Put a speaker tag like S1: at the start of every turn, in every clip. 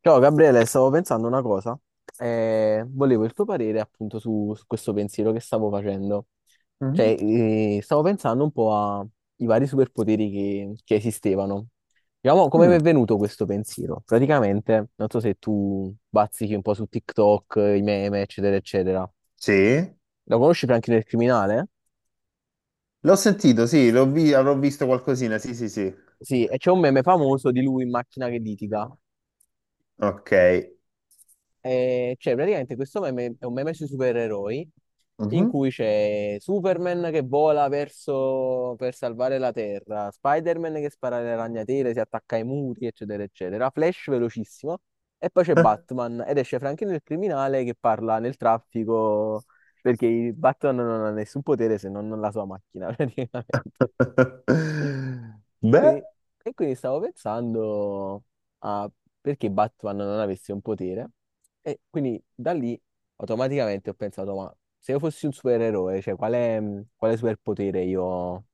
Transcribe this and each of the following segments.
S1: Ciao Gabriele, stavo pensando una cosa e volevo il tuo parere appunto su questo pensiero che stavo facendo.
S2: Mm.
S1: Cioè, stavo pensando un po' ai vari superpoteri che esistevano. Diciamo, come mi
S2: Mm.
S1: è venuto questo pensiero? Praticamente, non so se tu bazzichi un po' su TikTok, i meme, eccetera, eccetera.
S2: Sì,
S1: Lo conosci Franchino il criminale?
S2: l'ho sentito, sì, avrò visto qualcosina, sì, sì, sì.
S1: Sì, e c'è un meme famoso di lui in macchina che litiga.
S2: Ok.
S1: Cioè, praticamente questo meme è un meme sui supereroi in
S2: Mhm.
S1: cui c'è Superman che vola verso per salvare la Terra, Spider-Man che spara le ragnatele, si attacca ai muri, eccetera, eccetera, Flash velocissimo e poi c'è Batman ed esce Franklin il criminale che parla nel traffico perché il Batman non ha nessun potere se non la sua macchina, praticamente.
S2: Beh,
S1: Quindi- e quindi stavo pensando a perché Batman non avesse un potere e quindi da lì automaticamente ho pensato, ma se io fossi un supereroe, cioè quale superpotere io,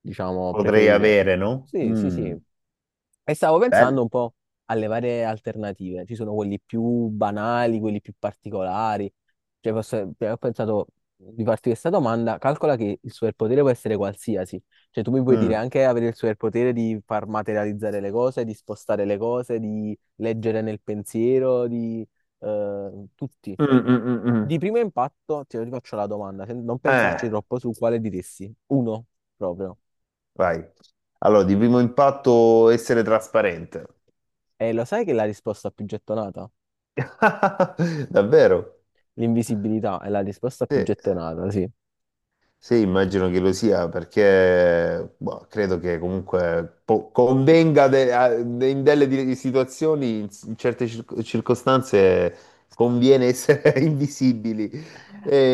S1: diciamo,
S2: potrei
S1: preferirei?
S2: avere, no?
S1: Sì, sì,
S2: Mm.
S1: sì, e stavo pensando
S2: Bello.
S1: un po' alle varie alternative. Ci sono quelli più banali, quelli più particolari. Cioè, ho pensato di farti questa domanda. Calcola che il superpotere può essere qualsiasi. Cioè, tu mi puoi dire
S2: Mm.
S1: anche avere il superpotere di far materializzare le cose, di spostare le cose, di leggere nel pensiero, di tutti.
S2: Mm, mm, mm,
S1: Di
S2: mm.
S1: primo impatto ti faccio la domanda, non pensarci
S2: Eh,
S1: troppo su quale diresti. Uno, proprio.
S2: vai. Allora, di primo impatto essere trasparente.
S1: E lo sai che è la risposta più gettonata?
S2: Davvero?
S1: L'invisibilità è la risposta
S2: Sì.
S1: più gettonata, sì.
S2: Sì, immagino che lo sia, perché boh, credo che comunque convenga in delle situazioni, in, in certe circostanze, conviene essere invisibili.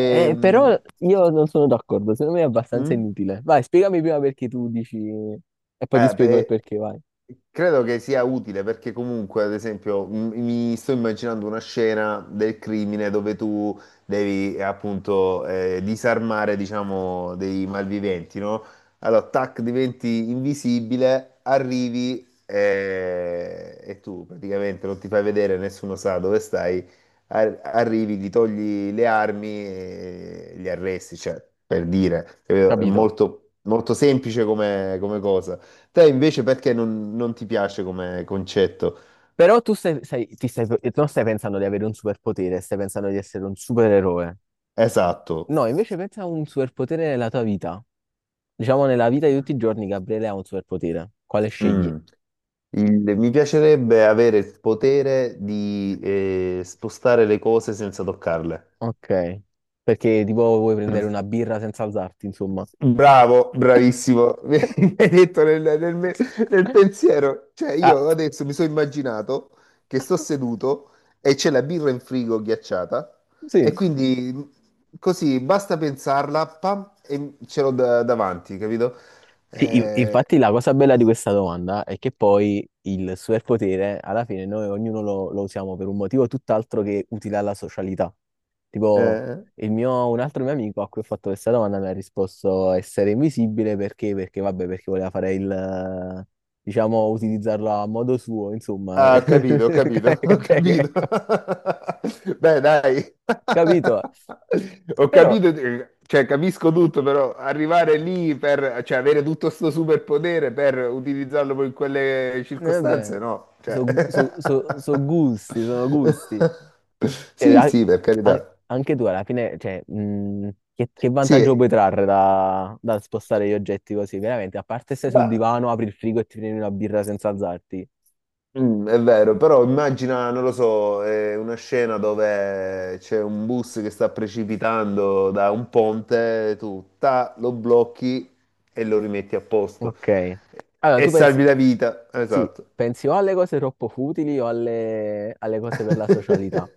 S1: Però io non sono d'accordo, secondo me è abbastanza
S2: mm?
S1: inutile. Vai, spiegami prima perché tu dici e poi ti spiego il
S2: Beh,
S1: perché, vai.
S2: credo che sia utile perché comunque, ad esempio, mi sto immaginando una scena del crimine dove tu devi appunto disarmare, diciamo, dei malviventi, no? Allora, tac, diventi invisibile, arrivi e tu praticamente non ti fai vedere, nessuno sa dove stai, arrivi, gli togli le armi e li arresti, cioè, per dire, capito? È
S1: Capito?
S2: molto, molto semplice come cosa. Te invece perché non ti piace come concetto?
S1: Però tu stai, stai- ti stai- non stai pensando di avere un superpotere, stai pensando di essere un supereroe.
S2: Esatto.
S1: No, invece pensa a un superpotere nella tua vita. Diciamo nella vita di tutti i giorni, Gabriele ha un superpotere. Quale scegli?
S2: Mm. Mi piacerebbe avere il potere di spostare le cose senza toccarle.
S1: Ok. Perché tipo vuoi prendere una birra senza alzarti, insomma.
S2: Bravo, bravissimo. Mi hai detto nel pensiero. Cioè,
S1: Ah.
S2: io adesso mi sono immaginato che sto seduto e c'è la birra in frigo ghiacciata e
S1: Sì.
S2: quindi così basta pensarla, pam, e ce l'ho davanti, capito? Eh,
S1: Infatti la cosa bella di questa domanda è che poi il superpotere, alla fine noi ognuno lo usiamo per un motivo tutt'altro che utile alla socialità. Tipo,
S2: eh.
S1: un altro mio amico a cui ho fatto questa domanda mi ha risposto essere invisibile perché vabbè, perché voleva fare il, diciamo, utilizzarlo a modo suo, insomma.
S2: Ah, ho capito, ho capito. Beh, dai.
S1: Capito?
S2: Ho
S1: Però,
S2: capito, cioè capisco tutto, però arrivare lì per, cioè avere tutto sto superpotere per utilizzarlo poi in quelle
S1: eh beh,
S2: circostanze, no.
S1: so
S2: Cioè.
S1: so- so- so gusti, sono gusti. Cioè,
S2: Sì,
S1: a-
S2: sì, per
S1: a-
S2: carità.
S1: anche tu alla fine, cioè, che vantaggio
S2: Sì,
S1: puoi trarre da spostare gli oggetti così? Veramente, a parte stai
S2: ma.
S1: sul divano, apri il frigo e ti prendi una birra senza alzarti.
S2: È vero, però immagina, non lo so, una scena dove c'è un bus che sta precipitando da un ponte, tu ta, lo blocchi e lo rimetti a posto
S1: Ok. Allora,
S2: e
S1: tu
S2: salvi
S1: pensi,
S2: la vita.
S1: sì,
S2: Esatto.
S1: pensi o alle cose troppo futili o alle cose per la socialità.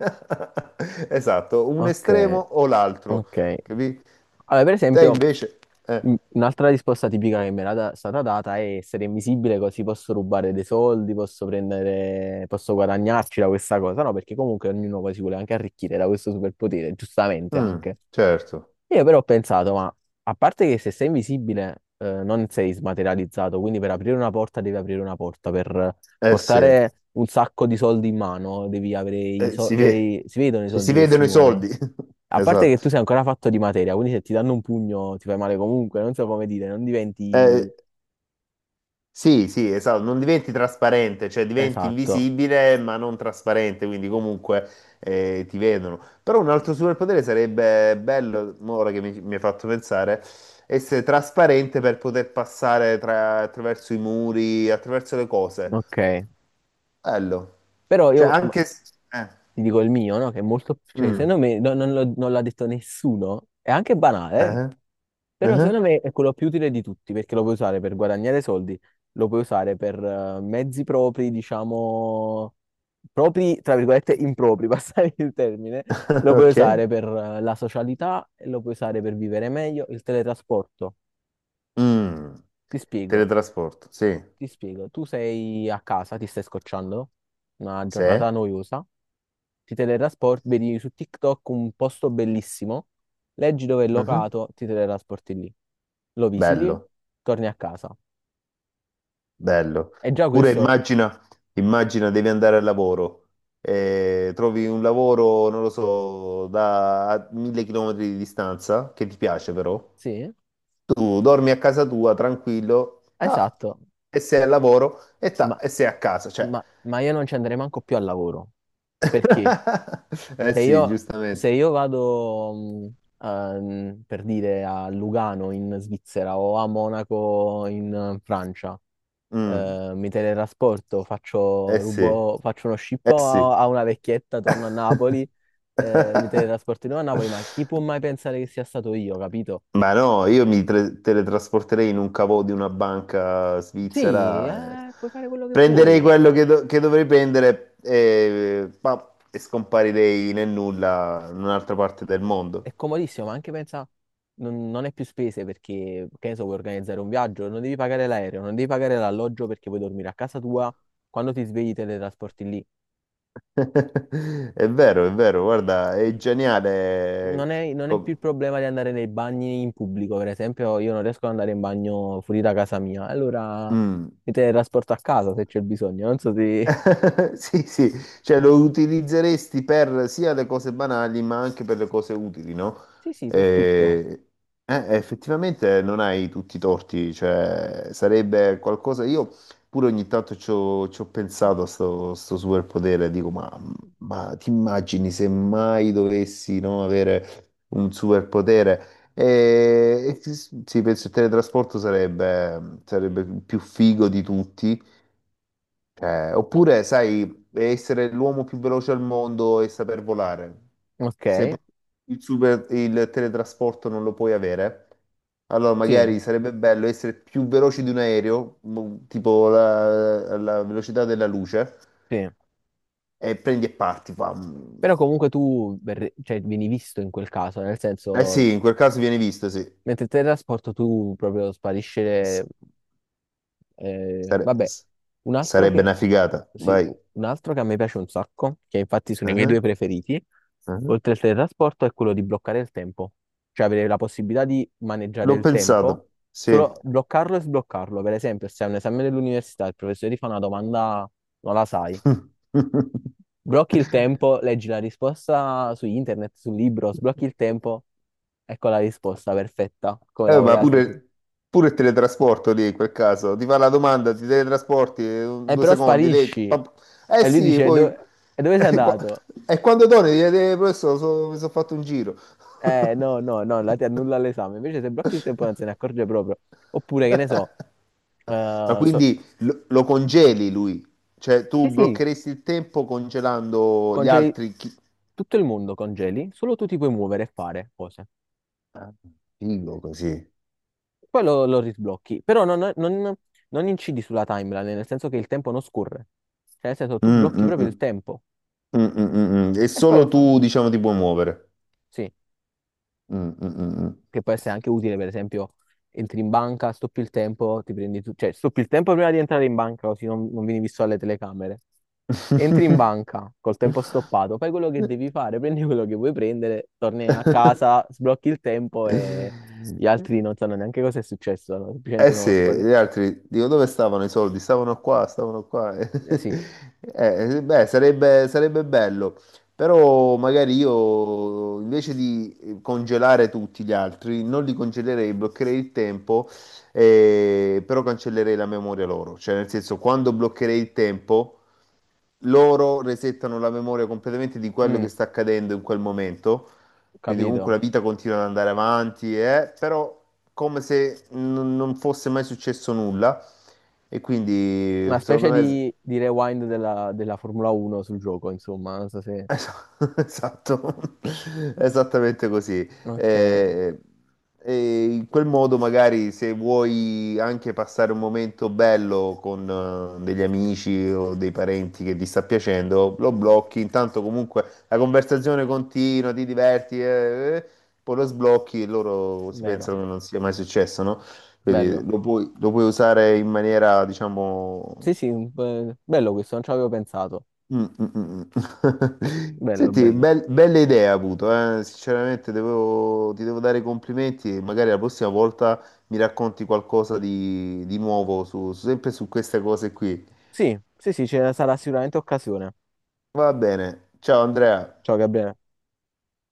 S2: Esatto, un
S1: Ok,
S2: estremo o l'altro,
S1: ok.
S2: capì?
S1: Allora, per
S2: Te
S1: esempio.
S2: invece... eh,
S1: Un'altra risposta tipica che mi stata data è essere invisibile così posso rubare dei soldi, posso prendere, posso guadagnarci da questa cosa, no? Perché comunque ognuno poi si vuole anche arricchire da questo superpotere, giustamente
S2: mm,
S1: anche.
S2: certo,
S1: Io però ho pensato, ma a parte che se sei invisibile, non sei smaterializzato, quindi per aprire una porta devi aprire una porta, per
S2: eh sì,
S1: portare un sacco di soldi in mano devi avere i
S2: eh,
S1: soldi,
S2: si ve-
S1: cioè si vedono i
S2: ci si
S1: soldi che si
S2: vedono i
S1: muovono.
S2: soldi.
S1: A parte che tu
S2: Esatto.
S1: sei ancora fatto di materia, quindi se ti danno un pugno ti fai male comunque, non so come dire, non
S2: Eh,
S1: diventi...
S2: sì, sì, esatto, non diventi trasparente, cioè diventi
S1: Esatto,
S2: invisibile ma non trasparente, quindi comunque ti vedono. Però un altro superpotere sarebbe bello, mo ora che mi hai fatto pensare, essere trasparente per poter passare attraverso i muri, attraverso le cose.
S1: ok.
S2: Bello.
S1: Però
S2: Cioè anche... Eh.
S1: ti dico il mio, no? Che è molto... Cioè, secondo
S2: Mm.
S1: me non l'ha detto nessuno, è anche banale, eh.
S2: Eh?
S1: Però
S2: Eh?
S1: secondo me è quello più utile di tutti perché lo puoi usare per guadagnare soldi, lo puoi usare per mezzi propri, diciamo, propri, tra virgolette, impropri, passare il termine, lo puoi
S2: Ok.
S1: usare per la socialità, lo puoi usare per vivere meglio, il teletrasporto.
S2: Mm.
S1: Ti spiego.
S2: Teletrasporto, sì.
S1: Ti spiego, tu sei a casa, ti stai scocciando, una
S2: Sì.
S1: giornata noiosa, ti teletrasporti, vedi su TikTok un posto bellissimo, leggi dove è
S2: Mhm.
S1: locato, ti teletrasporti lì, lo visiti,
S2: Bello.
S1: torni a casa.
S2: Bello.
S1: E già
S2: Oppure
S1: questo,
S2: immagina devi andare al lavoro, trovi un lavoro, non lo so, da a 1.000 chilometri di distanza, che ti piace però.
S1: sì,
S2: Tu dormi a casa tua tranquillo, ta,
S1: esatto,
S2: e sei al lavoro, e
S1: ma,
S2: ta, e sei a casa, cioè.
S1: ma io non ci andrei manco più al lavoro, perché
S2: Eh
S1: se
S2: sì,
S1: io, se
S2: giustamente.
S1: io vado, per dire, a Lugano in Svizzera o a Monaco in Francia,
S2: Mm,
S1: mi teletrasporto,
S2: eh
S1: faccio,
S2: sì,
S1: faccio uno
S2: eh
S1: scippo
S2: sì.
S1: a una vecchietta, torno a Napoli, mi teletrasporto di nuovo a Napoli, ma chi può mai pensare che sia stato io, capito?
S2: Ma no, io teletrasporterei in un cavò di una banca
S1: Sì,
S2: svizzera,
S1: puoi fare quello che
S2: prenderei
S1: vuoi,
S2: quello che dovrei prendere e scomparirei nel nulla in un'altra parte del
S1: è
S2: mondo.
S1: comodissimo, ma anche pensa, non è più spese perché, che ne so, vuoi organizzare un viaggio, non devi pagare l'aereo, non devi pagare l'alloggio perché puoi dormire a casa tua, quando ti svegli teletrasporti
S2: È vero, guarda, è
S1: lì.
S2: geniale.
S1: Non è
S2: Com-
S1: più il problema di andare nei bagni in pubblico, per esempio, io non riesco ad andare in bagno fuori da casa mia, allora
S2: Mm.
S1: mi teletrasporto a casa se c'è bisogno, non so se...
S2: Sì, sì, cioè lo utilizzeresti per sia le cose banali ma anche per le cose utili, no?
S1: Sì, sì, per tutto.
S2: Eh, effettivamente non hai tutti i torti, cioè sarebbe qualcosa... Io pure ogni tanto ci ho pensato a sto superpotere, dico, ma, ti immagini se mai dovessi, no, avere un superpotere? E sì, penso il teletrasporto sarebbe più figo di tutti. Oppure, sai, essere l'uomo più veloce al mondo e saper volare.
S1: Ok,
S2: Se poi il teletrasporto non lo puoi avere, allora
S1: sì,
S2: magari sarebbe bello essere più veloci di un aereo, tipo la velocità della luce,
S1: sì.
S2: e prendi e parti. Fam.
S1: Però comunque cioè, vieni visto in quel caso, nel
S2: Eh
S1: senso,
S2: sì, in quel caso viene visto, sì.
S1: mentre teletrasporto tu proprio
S2: S-
S1: sparisce, eh,
S2: sare-
S1: vabbè,
S2: s-
S1: un altro
S2: sarebbe una
S1: che,
S2: figata,
S1: sì,
S2: vai.
S1: un altro che a me piace un sacco, che infatti sono i miei
S2: Ah,
S1: due preferiti,
S2: ah.
S1: oltre al teletrasporto, è quello di bloccare il tempo. Cioè avere la possibilità di maneggiare
S2: L'ho
S1: il tempo,
S2: pensato, sì.
S1: solo bloccarlo e sbloccarlo. Per esempio, se hai un esame dell'università, il professore ti fa una domanda, non la sai, blocchi il tempo, leggi la risposta su internet, sul libro, sblocchi il tempo, ecco la risposta perfetta, come la
S2: Ma
S1: voleva sentire.
S2: pure il teletrasporto lì in quel caso. Ti fa la domanda, ti teletrasporti due
S1: Però
S2: secondi, lei...
S1: sparisci.
S2: pam- Eh
S1: E lui
S2: sì,
S1: dice,
S2: poi...
S1: e dove sei
S2: E qua-
S1: andato?
S2: e quando torni, gli chiedi, professore, mi sono fatto un giro.
S1: No, no, no, la ti annulla l'esame. Invece se blocchi il tempo non se ne accorge proprio. Oppure, che ne so,
S2: Ma
S1: eh, so-
S2: quindi lo congeli lui? Cioè tu
S1: sì, sì,
S2: bloccheresti il tempo congelando gli
S1: congeli
S2: altri... Chi...
S1: tutto il mondo, congeli, solo tu ti puoi muovere e fare cose.
S2: Ah, figo così.
S1: Poi lo risblocchi, però non incidi sulla timeline, nel senso che il tempo non scorre. Cioè, nel senso,
S2: Mm,
S1: tu blocchi
S2: mm,
S1: proprio il
S2: mm,
S1: tempo
S2: mm, mm, mm, mm. E
S1: e poi lo
S2: solo
S1: fa.
S2: tu, diciamo, ti puoi muovere.
S1: Sì,
S2: Mm, mm, mm, mm.
S1: che può essere anche utile, per esempio, entri in banca, stoppi il tempo, ti prendi tu, cioè stoppi il tempo prima di entrare in banca, così non vieni visto alle telecamere. Entri in banca col tempo stoppato, fai quello che devi fare, prendi quello che vuoi prendere, torni a casa, sblocchi il tempo e gli altri non sanno neanche cosa è successo, no? Semplicemente
S2: Eh sì,
S1: sono sparati.
S2: gli altri, dico, dove stavano i soldi? Stavano qua, stavano qua.
S1: Sì,
S2: Beh, sarebbe bello, però magari io invece di congelare tutti gli altri, non li congelerei, bloccherei il tempo, però cancellerei la memoria loro. Cioè, nel senso, quando bloccherei il tempo... loro resettano la memoria completamente di quello che
S1: mm,
S2: sta accadendo in quel momento, quindi comunque
S1: capito.
S2: la vita continua ad andare avanti, però come se non fosse mai successo nulla e quindi
S1: Una
S2: secondo
S1: specie
S2: me.
S1: di rewind della Formula 1 sul gioco, insomma, non so se...
S2: Es- Esatto, esattamente così.
S1: Ok,
S2: Eh, e in quel modo, magari, se vuoi anche passare un momento bello con degli amici o dei parenti che ti sta piacendo, lo blocchi. Intanto, comunque, la conversazione continua, ti diverti, poi lo sblocchi e loro si
S1: vero,
S2: pensano che non sia mai successo, no? Quindi
S1: bello.
S2: lo puoi usare in maniera, diciamo.
S1: Sì, sì, bello questo, non ci avevo pensato.
S2: Mm, mm, mm, mm.
S1: Bello,
S2: Senti,
S1: bello.
S2: bella idea avuto, eh. Sinceramente ti devo dare i complimenti e magari la prossima volta mi racconti qualcosa di nuovo su, sempre su queste cose qui.
S1: Sì, sì, sì, ce ne sarà sicuramente occasione.
S2: Va bene, ciao Andrea.
S1: Ciao Gabriele.